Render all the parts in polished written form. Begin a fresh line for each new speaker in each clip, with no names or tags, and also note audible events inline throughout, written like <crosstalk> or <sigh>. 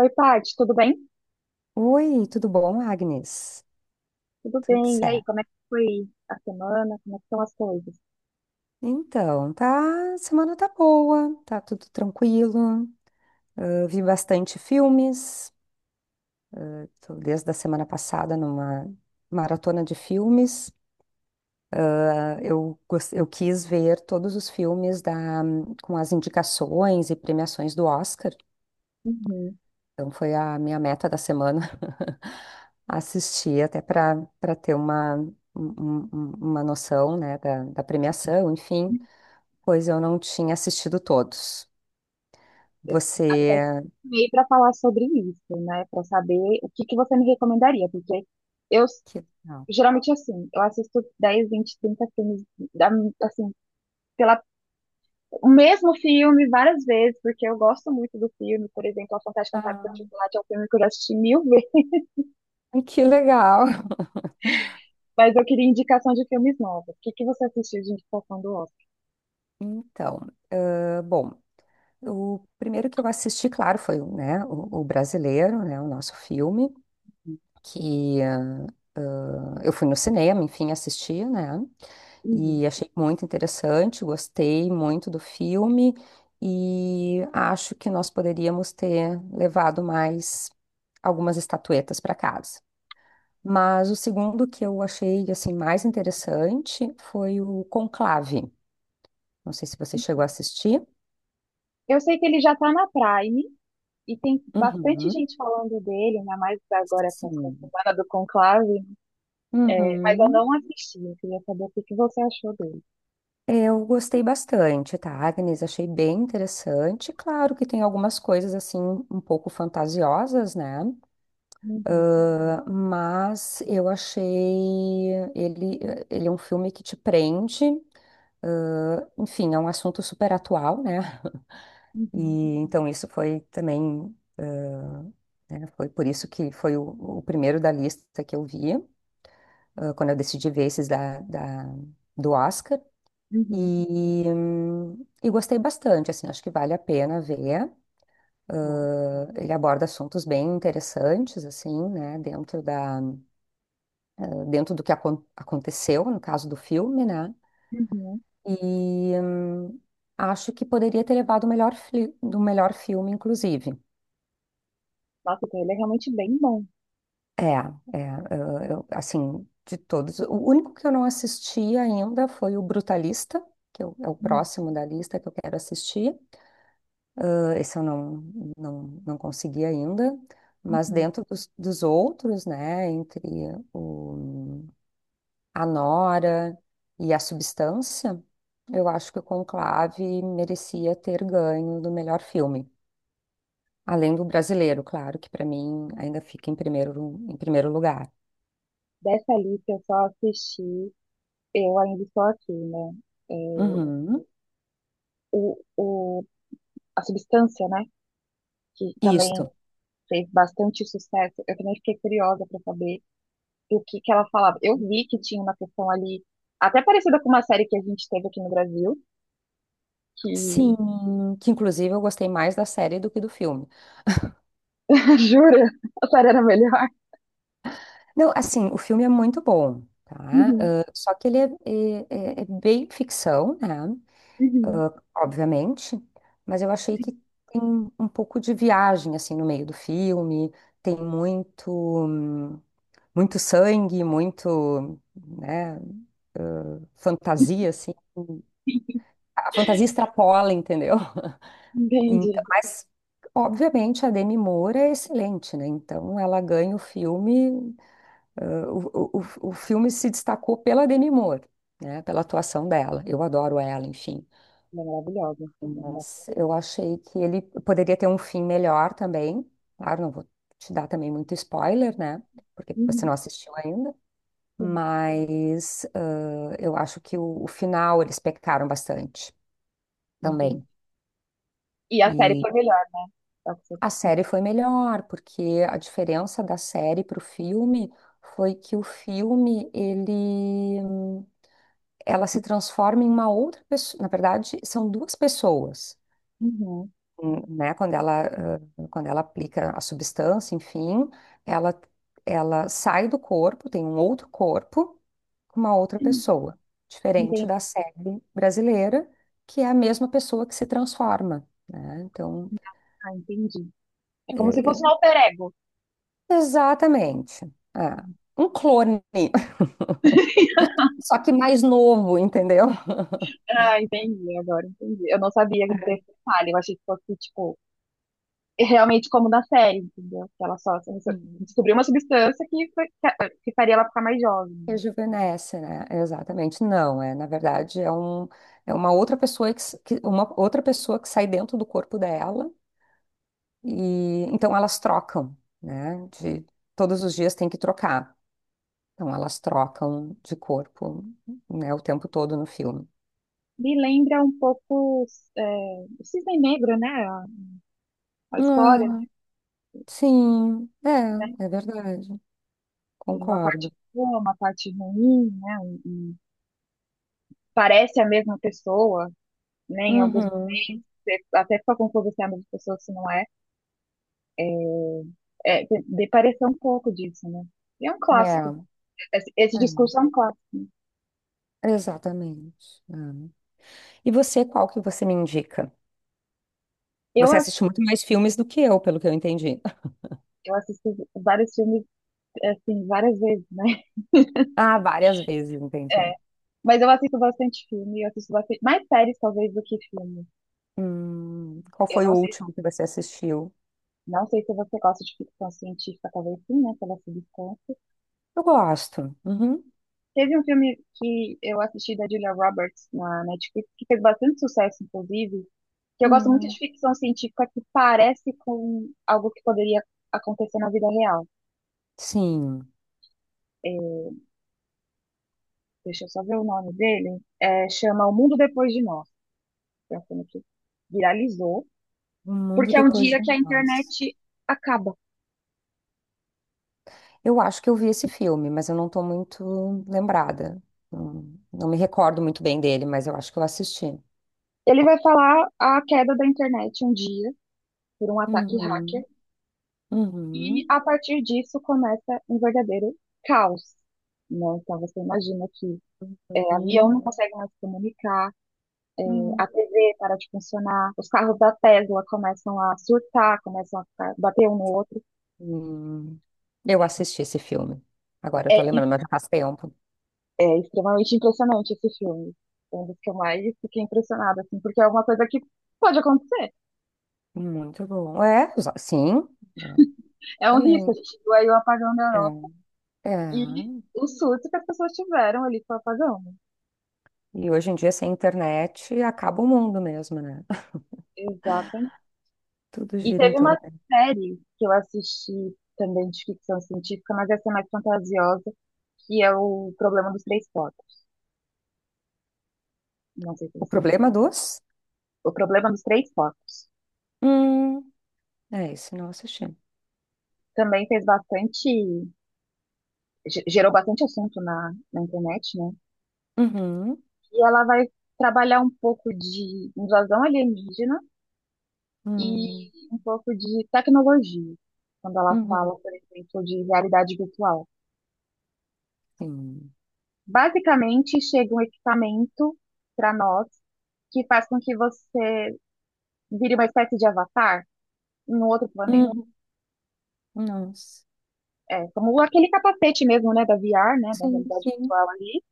Oi, Paty, tudo bem?
Oi, tudo bom, Agnes?
Tudo
Tudo
bem. E aí,
certo.
como é que foi a semana? Como é que estão as coisas?
Então, tá, semana tá boa, tá tudo tranquilo. Ah, vi bastante filmes, tô desde a semana passada numa maratona de filmes. Eu quis ver todos os filmes com as indicações e premiações do Oscar.
Uhum.
Então foi a minha meta da semana <laughs> assistir até para ter uma, um- um- um, uma noção, né, da premiação, enfim. Pois eu não tinha assistido todos.
Eu
Você.
até meio para falar sobre isso, né? Para saber o que que você me recomendaria, porque eu s-
Que... legal.
geralmente assim, eu assisto 10, 20, 30 da- assim, pela o mesmo filme várias vezes, porque eu gosto muito do filme, por exemplo, A Fantástica
Ah,
Fábrica de Chocolate é um filme que eu já assisti mil vezes,
que legal.
mas eu queria indicação de filmes novos. O que que você assistiu de indicação do Oscar?
<laughs> Então, ah, bom, o primeiro que eu assisti, claro, foi, né, o brasileiro, né, o nosso filme, que ah, ah, eu fui no cinema, enfim, assisti, né?
Uhum.
E achei muito interessante, gostei muito do filme e acho que nós poderíamos ter levado mais algumas estatuetas para casa. Mas o segundo que eu achei assim mais interessante foi o Conclave. Não sei se você chegou a assistir.
Eu sei que ele já tá na Prime e tem bastante
Uhum.
gente falando dele, ainda mais agora com essa
Sim.
semana do Conclave, né? Mas eu
Uhum.
não assisti. Eu queria saber o que que você achou dele.
Eu gostei bastante, tá, Agnes? Achei bem interessante. Claro que tem algumas coisas assim um pouco fantasiosas, né?
Uhum,
Ah, mas eu achei ele, ele é um filme que te prende. Ah, enfim, é um assunto super atual, né?
uhum,
E então isso foi também, ah, né, foi por isso que foi o primeiro da lista que eu via. Ah, quando eu decidi ver esses do Oscar.
uhum,
E gostei bastante, assim, acho que vale a pena ver.
tá,
Ah, ele aborda assuntos bem interessantes, assim, né, dentro do que aconteceu no caso do filme, né?
uhum.
E acho que poderia ter levado o melhor, do melhor filme, inclusive.
Nossa, então ele é realmente bem bom.
É, é, assim, de todos. O único que eu não assisti ainda foi o Brutalista, é o
Uhum,
próximo da lista que eu quero assistir. Ah, esse eu não consegui ainda, mas
uhum.
dentro dos outros, né, entre o, a Nora e a Substância, eu acho que o Conclave merecia ter ganho do melhor filme. Além do brasileiro, claro, que para mim ainda fica em primeiro lugar.
Dessa lista eu só assisti, eu ainda estou aqui, né? É,
Uhum.
o, o, a Substância, né? Que também
Isso.
fez bastante sucesso. Eu também fiquei curiosa para saber e o que que ela falava. Eu vi que tinha uma questão ali, até parecida com uma série que a gente teve aqui no Brasil,
Sim,
que.
que inclusive eu gostei mais da série do que do filme.
<laughs> Jura? A série era melhor?
Não, assim, o filme é muito bom, tá?
Uhum,
Ah, só que ele é bem ficção, né?
uhum.
Ah, obviamente, mas eu achei que tem um pouco de viagem, assim, no meio do filme, tem muito, hum, muito sangue, muito, né, fantasia, assim. A fantasia extrapola, entendeu?
Entendi.
Então, mas, obviamente, a Demi Moore é excelente, né? Então, ela ganha o filme, ah, o filme se destacou pela Demi Moore, né? Pela atuação dela. Eu adoro ela, enfim.
Ela é maravilhosa.
Mas eu achei que ele poderia ter um fim melhor também. Claro, não vou te dar também muito spoiler, né? Porque você
Uhum,
não assistiu ainda.
sim,
Mas ah, eu acho que o final eles pecaram bastante
entendi.
também.
E a série foi melhor. Tá certo.
A série foi melhor, porque a diferença da série para o filme foi que o filme, ele, hum, ela se transforma em uma outra pessoa. Na verdade, são duas pessoas,
Uhum.
né? Ah, quando ela aplica a substância, enfim, ela, ela sai do corpo, tem um outro corpo, com uma outra pessoa, diferente
Entendi.
da série brasileira, que é a mesma pessoa que se transforma, né? Então,
Ah, entendi. É como se fosse um
é,
alter ego.
exatamente. É. Um clone, <laughs>
<laughs>
só que mais novo, entendeu?
Ah, entendi, agora entendi. Eu não sabia desse detalhe, eu achei que fosse, tipo, realmente como na série, entendeu? Que ela só
Uhum.
descobriu uma substância que, que faria ela ficar mais jovem, né?
Rejuvenesce, né? Exatamente. Não, é, na verdade, é uma outra pessoa uma outra pessoa que sai dentro do corpo dela e então elas trocam, né? De todos os dias tem que trocar. Então elas trocam de corpo, né, o tempo todo no filme.
Me lembra um pouco é, o Cisne Negro, né? A história,
Ah, sim,
né?
é, é verdade.
Tem uma parte
Concordo.
boa, uma parte ruim, né? E parece a mesma pessoa, né? Em alguns momentos,
Uhum.
você até fica confuso se é a mesma pessoa, se não é. É, de parecer um pouco disso, né? E é um
É,
clássico. Esse
é.
discurso é um clássico.
Exatamente. Hum. E você, qual que você me indica?
Eu,
Você
ass-
assiste muito mais filmes do que eu, pelo que eu entendi. <laughs>
eu assisti vários filmes, assim, várias vezes, né?
Ah, várias vezes,
É,
entendi.
mas eu assisto bastante filme, eu assisto bastante, mais séries talvez do que filme.
Qual
Eu
foi o
não sei,
último que você assistiu?
não sei se você gosta de ficção científica, talvez sim, né, pela substância.
Eu gosto. Uhum.
Teve um filme que eu assisti da Julia Roberts na Netflix, que fez bastante sucesso, inclusive, que eu gosto muito
Hum,
de ficção científica que parece com algo que poderia acontecer na vida real.
sim.
É, deixa eu só ver o nome dele. É, chama O Mundo Depois de Nós. É um filme que viralizou,
O Mundo
porque é um
Depois de
dia que a
Nós.
internet acaba.
Eu acho que eu vi esse filme, mas eu não estou muito lembrada. Não me recordo muito bem dele, mas eu acho que eu assisti.
Ele vai falar a queda da internet um dia por um ataque
Uhum.
hacker e
Uhum.
a partir disso começa um verdadeiro caos, né? Então você imagina que é, avião
Uhum.
não consegue mais se comunicar, é, a
Uhum.
TV para de funcionar, os carros da Tesla começam a surtar, bater um no outro.
Hum, eu assisti esse filme. Agora eu
É,
tô lembrando, mas já faz tempo.
é extremamente impressionante esse filme. É um dos que eu mais fiquei impressionada, assim, porque é uma coisa que pode acontecer.
Muito bom. É, os- sim, é,
É um risco, a
também.
gente viu aí o apagão da
É, é.
E o surto que as pessoas tiveram ali com o apagão.
E hoje em dia, sem internet, acaba o mundo mesmo, né? <laughs>
Exatamente.
Tudo
E
gira em
teve uma
torno dela.
série que eu assisti também de ficção científica, mas essa é mais fantasiosa, que é o Problema dos Três Focos. Não sei se
O
você viu.
problema dos?
O Problema dos Três Focos.
Hum, é isso, não assisti.
Também fez bastante, gerou bastante assunto na, na internet, né?
Uhum,
E ela vai trabalhar um pouco de invasão alienígena e
uhum,
um pouco de tecnologia, quando ela
uhum,
fala, por exemplo, de realidade virtual.
sim.
Basicamente, chega um equipamento para nós que faz com que você vire uma espécie de avatar em um outro planeta.
Uhum, nossa.
É, como aquele capacete mesmo, né, da VR, né, da
Sim,
realidade
sim.
virtual ali,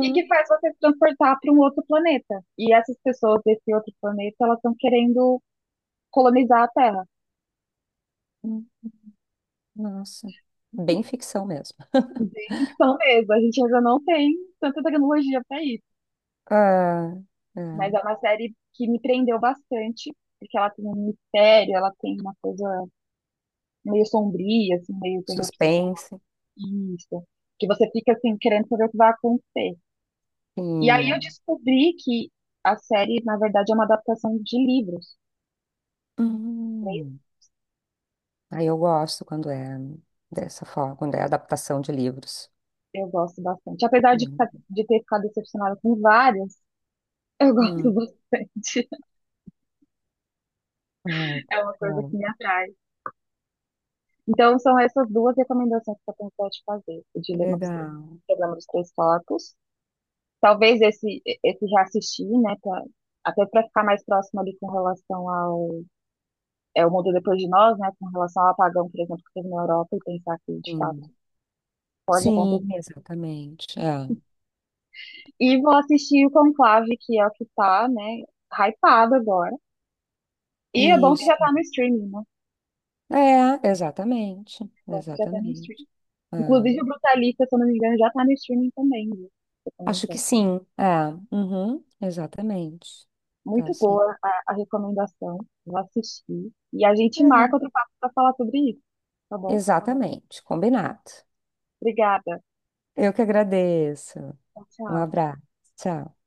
e que faz você se transportar para um outro planeta. E essas pessoas desse outro planeta, elas estão querendo colonizar a Terra.
uhum, nossa. Bem ficção mesmo.
Bem ficção mesmo, a gente ainda não tem tanta tecnologia para isso,
Ah,
mas
é.
é uma série que me prendeu bastante, porque ela tem um mistério, ela tem uma coisa meio sombria, assim, meio terror
Suspense.
psicologista, que você fica assim querendo saber o que vai acontecer. E aí eu
Sim.
descobri que a série, na verdade, é uma adaptação de livros.
Hum. Aí eu gosto quando é dessa forma, quando é adaptação de livros.
Eu gosto bastante. Apesar de,
Hum.
de ter ficado decepcionada com várias, eu <laughs> gosto
Hum.
bastante.
Ai,
É uma coisa que
bom.
me atrai. Então, são essas duas recomendações que eu tenho te fazer. O
Que
Dilema dos Três,
legal.
o Dilema dos Três Corpos. Talvez esse, esse já assisti, né? Até para ficar mais próximo ali com relação ao é o mundo depois de nós, né, com relação ao apagão, por exemplo, que teve na Europa, e pensar que, de fato,
Hum.
pode
Sim,
acontecer.
exatamente. É.
E vou assistir o Conclave, que é o que tá, né, hypado agora. E é bom que
Isso.
já tá no streaming, né? É
É, exatamente.
bom que já tá no
Exatamente.
streaming.
É.
Inclusive, o Brutalista, se eu não me engano, já tá no streaming também, viu?
Acho que sim. É. Uhum. Exatamente. Tá,
Muito
sim.
boa a recomendação. Vou assistir. E a gente marca
É.
outro papo para falar sobre isso, tá bom?
Exatamente. Combinado.
Obrigada.
Eu que agradeço.
Tchau,
Um
tchau.
abraço. Tchau.